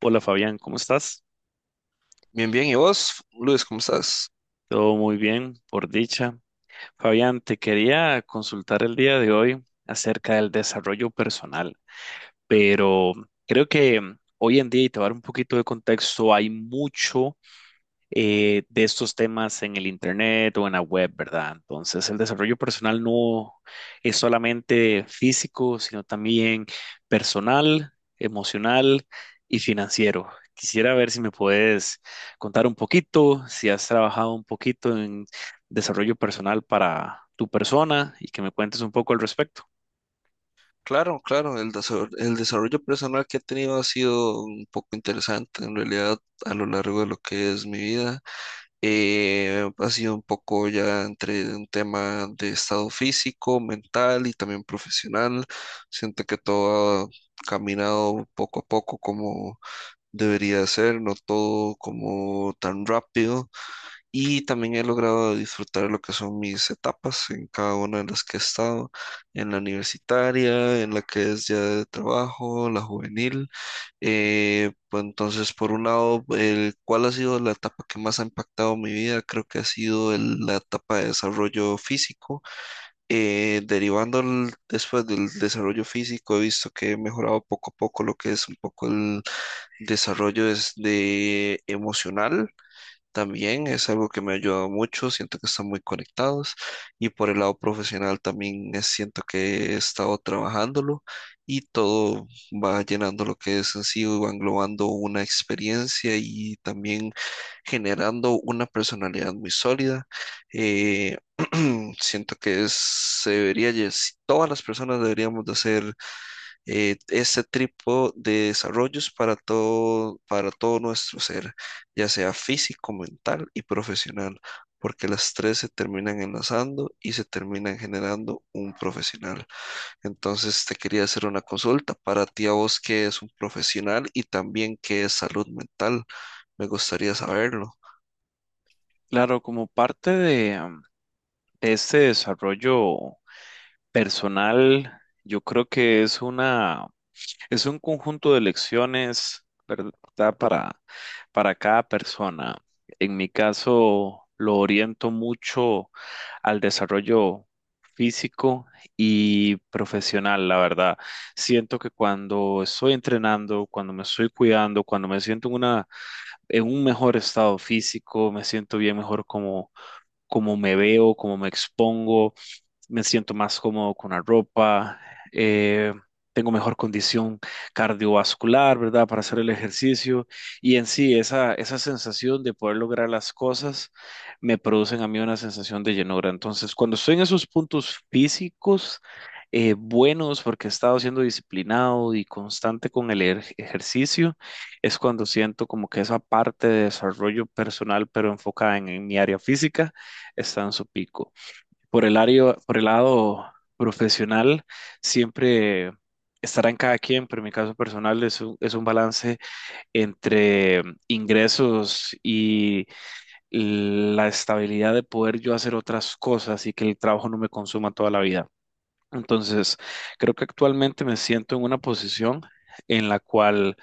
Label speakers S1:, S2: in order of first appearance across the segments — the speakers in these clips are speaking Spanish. S1: Hola Fabián, ¿cómo estás?
S2: Bien, bien. ¿Y vos, Luis, cómo estás?
S1: Todo muy bien, por dicha. Fabián, te quería consultar el día de hoy acerca del desarrollo personal, pero creo que hoy en día, y te voy a dar un poquito de contexto, hay mucho de estos temas en el internet o en la web, ¿verdad? Entonces, el desarrollo personal no es solamente físico, sino también personal, emocional y financiero. Quisiera ver si me puedes contar un poquito, si has trabajado un poquito en desarrollo personal para tu persona y que me cuentes un poco al respecto.
S2: Claro, claro. El desarrollo personal que he tenido ha sido un poco interesante, en realidad, a lo largo de lo que es mi vida. Ha sido un poco ya entre un tema de estado físico, mental y también profesional. Siento que todo ha caminado poco a poco como debería ser, no todo como tan rápido. Y también he logrado disfrutar lo que son mis etapas en cada una de las que he estado, en la universitaria, en la que es ya de trabajo, la juvenil. Pues entonces, por un lado, ¿cuál ha sido la etapa que más ha impactado mi vida? Creo que ha sido la etapa de desarrollo físico. Derivando después del desarrollo físico, he visto que he mejorado poco a poco lo que es un poco el desarrollo es de emocional también es algo que me ha ayudado mucho, siento que están muy conectados y por el lado profesional también siento que he estado trabajándolo y todo va llenando lo que es en sí, va englobando una experiencia y también generando una personalidad muy sólida. Eh, siento que se debería, todas las personas deberíamos de hacer este tipo de desarrollos para todo nuestro ser, ya sea físico, mental y profesional, porque las tres se terminan enlazando y se terminan generando un profesional. Entonces te quería hacer una consulta para ti a vos que es un profesional y también que es salud mental. Me gustaría saberlo.
S1: Claro, como parte de este desarrollo personal, yo creo que es un conjunto de lecciones, ¿verdad? Para, para cada persona. En mi caso, lo oriento mucho al desarrollo físico y profesional, la verdad. Siento que cuando estoy entrenando, cuando me estoy cuidando, cuando me siento en un mejor estado físico, me siento bien mejor como me veo, como me expongo, me siento más cómodo con la ropa, eh, tengo mejor condición cardiovascular, ¿verdad? Para hacer el ejercicio y en sí esa sensación de poder lograr las cosas me producen a mí una sensación de llenura. Entonces, cuando estoy en esos puntos físicos buenos porque he estado siendo disciplinado y constante con el ejercicio, es cuando siento como que esa parte de desarrollo personal, pero enfocada en mi área física, está en su pico por el lado profesional, siempre estará en cada quien, pero en mi caso personal es un balance entre ingresos y la estabilidad de poder yo hacer otras cosas y que el trabajo no me consuma toda la vida. Entonces, creo que actualmente me siento en una posición en la cual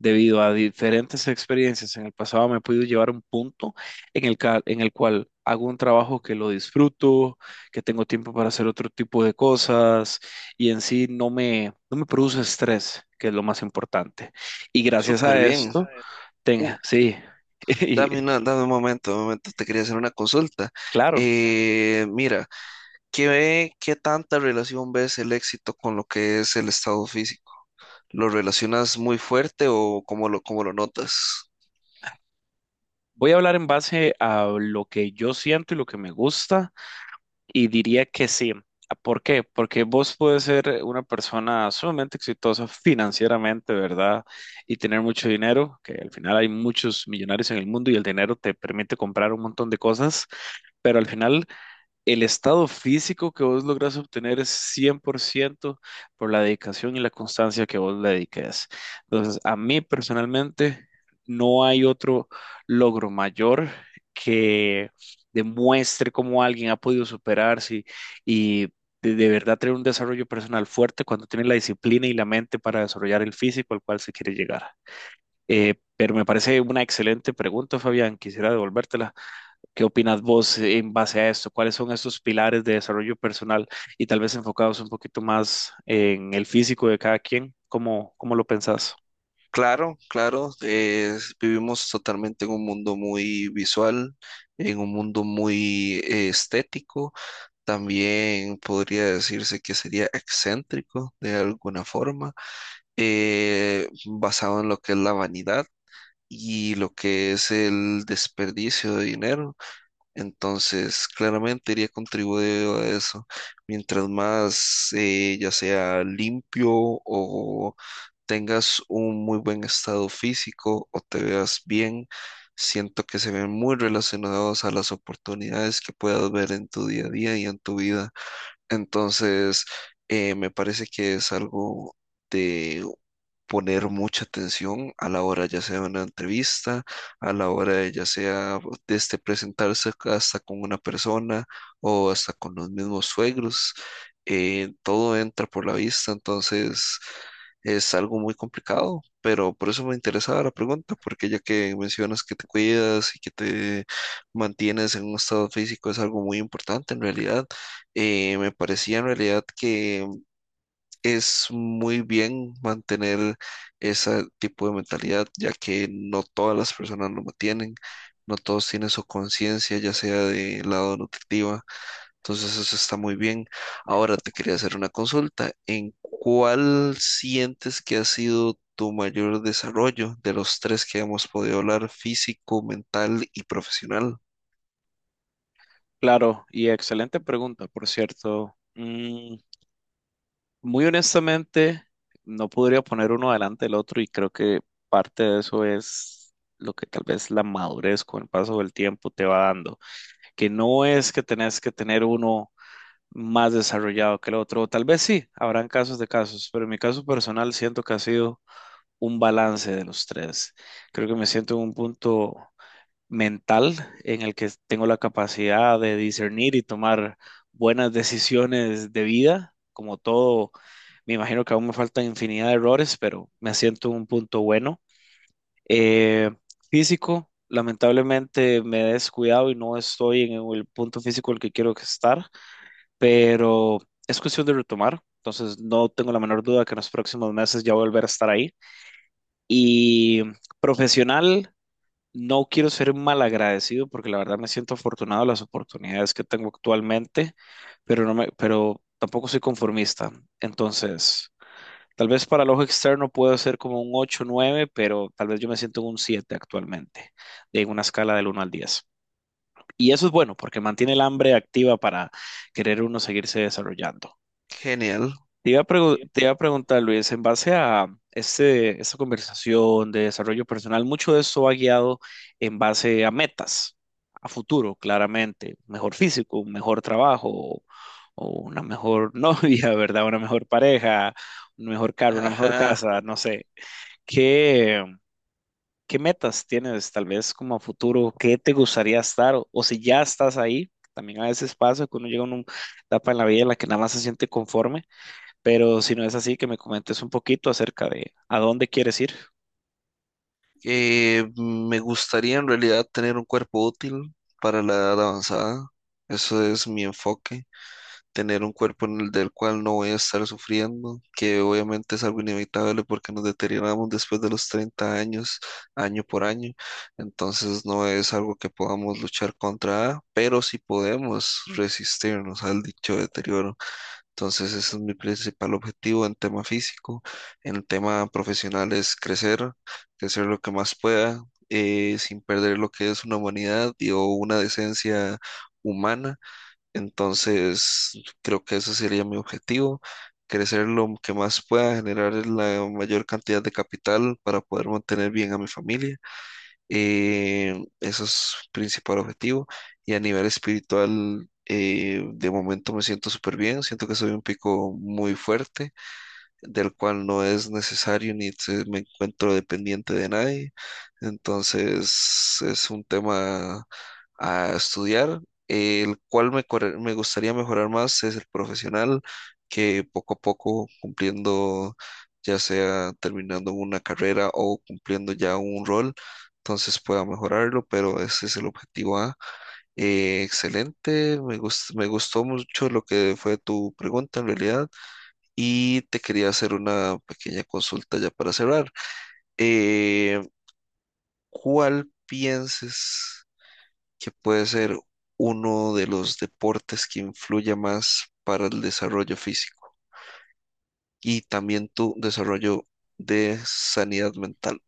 S1: Debido a diferentes experiencias en el pasado, me he podido llevar a un punto en el cual hago un trabajo que lo disfruto, que tengo tiempo para hacer otro tipo de cosas y en sí no me produce estrés, que es lo más importante. Y gracias
S2: Súper
S1: a
S2: bien.
S1: esto,
S2: Uh,
S1: tenga, sí, y
S2: dame dame un momento, te quería hacer una consulta.
S1: claro,
S2: Mira. ¿Qué, qué tanta relación ves el éxito con lo que es el estado físico? ¿Lo relacionas muy fuerte o cómo lo notas?
S1: voy a hablar en base a lo que yo siento y lo que me gusta. Y diría que sí. ¿Por qué? Porque vos puedes ser una persona sumamente exitosa financieramente, ¿verdad? Y tener mucho dinero, que al final hay muchos millonarios en el mundo y el dinero te permite comprar un montón de cosas, pero al final el estado físico que vos lográs obtener es 100% por ciento por la dedicación y la constancia que vos le dediques. Entonces, a mí personalmente no hay otro logro mayor que demuestre cómo alguien ha podido superarse y de verdad tener un desarrollo personal fuerte cuando tiene la disciplina y la mente para desarrollar el físico al cual se quiere llegar. Pero me parece una excelente pregunta, Fabián. Quisiera devolvértela. ¿Qué opinas vos en base a esto? ¿Cuáles son esos pilares de desarrollo personal y tal vez enfocados un poquito más en el físico de cada quien? ¿Cómo lo pensás?
S2: Claro, claro, vivimos totalmente en un mundo muy visual, en un mundo muy estético, también podría decirse que sería excéntrico de alguna forma, basado en lo que es la vanidad y lo que es el desperdicio de dinero. Entonces, claramente iría contribuyendo a eso. Mientras más, ya sea limpio o tengas un muy buen estado físico o te veas bien, siento que se ven muy relacionados a las oportunidades que puedas ver en tu día a día y en tu vida. Entonces, me parece que es algo de poner mucha atención a la hora ya sea de una entrevista, a la hora de ya sea este presentarse hasta con una persona o hasta con los mismos suegros. Todo entra por la vista, entonces es algo muy complicado, pero por eso me interesaba la pregunta, porque ya que mencionas que te cuidas y que te mantienes en un estado físico es algo muy importante en realidad. Me parecía en realidad que es muy bien mantener ese tipo de mentalidad, ya que no todas las personas lo mantienen, no todos tienen su conciencia, ya sea de lado nutritiva, entonces eso está muy bien. Ahora te quería hacer una consulta, ¿en cuál sientes que ha sido tu mayor desarrollo de los tres que hemos podido hablar, físico, mental y profesional?
S1: Claro, y excelente pregunta, por cierto. Muy honestamente, no podría poner uno delante del otro y creo que parte de eso es lo que tal vez la madurez con el paso del tiempo te va dando, que no es que tenés que tener uno más desarrollado que el otro. Tal vez sí, habrán casos de casos, pero en mi caso personal siento que ha sido un balance de los tres. Creo que me siento en un punto mental en el que tengo la capacidad de discernir y tomar buenas decisiones de vida. Como todo, me imagino que aún me faltan infinidad de errores, pero me siento en un punto bueno. Eh, físico, lamentablemente me he descuidado y no estoy en el punto físico al que quiero estar, pero es cuestión de retomar. Entonces, no tengo la menor duda que en los próximos meses ya voy a volver a estar ahí. Y profesional, no quiero ser mal agradecido porque la verdad me siento afortunado de las oportunidades que tengo actualmente, pero tampoco soy conformista. Entonces, tal vez para el ojo externo puedo ser como un 8, nueve, pero tal vez yo me siento en un 7 actualmente, de una escala del uno al diez. Y eso es bueno porque mantiene el hambre activa para querer uno seguirse desarrollando.
S2: Genial.
S1: Te iba a preguntar, Luis, en base a esta conversación de desarrollo personal, mucho de eso va guiado en base a metas, a futuro, claramente, mejor físico, un mejor trabajo, o una mejor novia, ¿verdad? Una mejor pareja, un mejor carro, una mejor casa, no sé. ¿Qué, qué metas tienes tal vez como a futuro? ¿Qué te gustaría estar? O si ya estás ahí, también a veces pasa que uno llega a una etapa en la vida en la que nada más se siente conforme, pero si no es así, que me comentes un poquito acerca de a dónde quieres ir.
S2: Me gustaría en realidad tener un cuerpo útil para la edad avanzada. Eso es mi enfoque. Tener un cuerpo en el del cual no voy a estar sufriendo, que obviamente es algo inevitable porque nos deterioramos después de los 30 años, año por año. Entonces no es algo que podamos luchar contra, pero sí podemos resistirnos al dicho deterioro. Entonces, ese es mi principal objetivo en tema físico. En tema profesional es crecer, crecer lo que más pueda, sin perder lo que es una humanidad y o una decencia humana. Entonces, creo que ese sería mi objetivo, crecer lo que más pueda, generar la mayor cantidad de capital para poder mantener bien a mi familia eso es principal objetivo. Y a nivel espiritual, de momento me siento súper bien. Siento que soy un pico muy fuerte del cual no es necesario ni se- me encuentro dependiente de nadie. Entonces es un tema a estudiar. El cual me gustaría mejorar más es el profesional, que poco a poco cumpliendo, ya sea terminando una carrera o cumpliendo ya un rol, entonces pueda mejorarlo, pero ese es el objetivo A. Excelente, me gustó mucho lo que fue tu pregunta en realidad. Y te quería hacer una pequeña consulta ya para cerrar. Eh, ¿Cuál piensas que puede ser uno de los deportes que influya más para el desarrollo físico y también tu desarrollo de sanidad mental?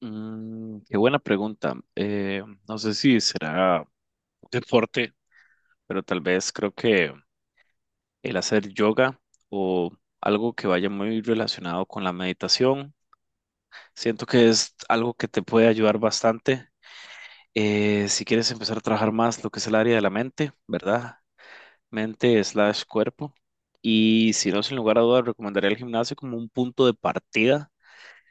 S1: Mm, qué buena pregunta. No sé si será deporte, pero tal vez creo que el hacer yoga o algo que vaya muy relacionado con la meditación, siento que es algo que te puede ayudar bastante. Si quieres empezar a trabajar más lo que es el área de la mente, ¿verdad? Mente slash cuerpo. Y si no, sin lugar a dudas, recomendaría el gimnasio como un punto de partida.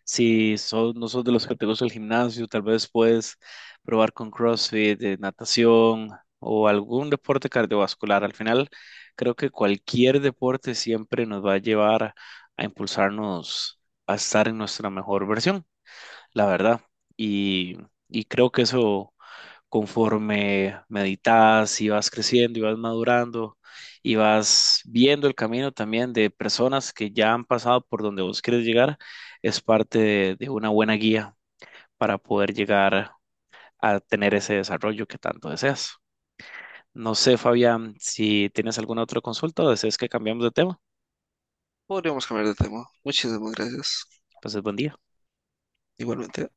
S1: No sos de los que te gusta el gimnasio, tal vez puedes probar con CrossFit, natación o algún deporte cardiovascular. Al final, creo que cualquier deporte siempre nos va a llevar a impulsarnos a estar en nuestra mejor versión, la verdad. Y, y creo que eso conforme meditas y vas creciendo y vas madurando y vas viendo el camino también de personas que ya han pasado por donde vos quieres llegar, es parte de una buena guía para poder llegar a tener ese desarrollo que tanto deseas. No sé, Fabián, si tienes alguna otra consulta o deseas que cambiemos de tema.
S2: Podríamos cambiar de tema. Muchísimas gracias.
S1: Pues buen día.
S2: Igualmente.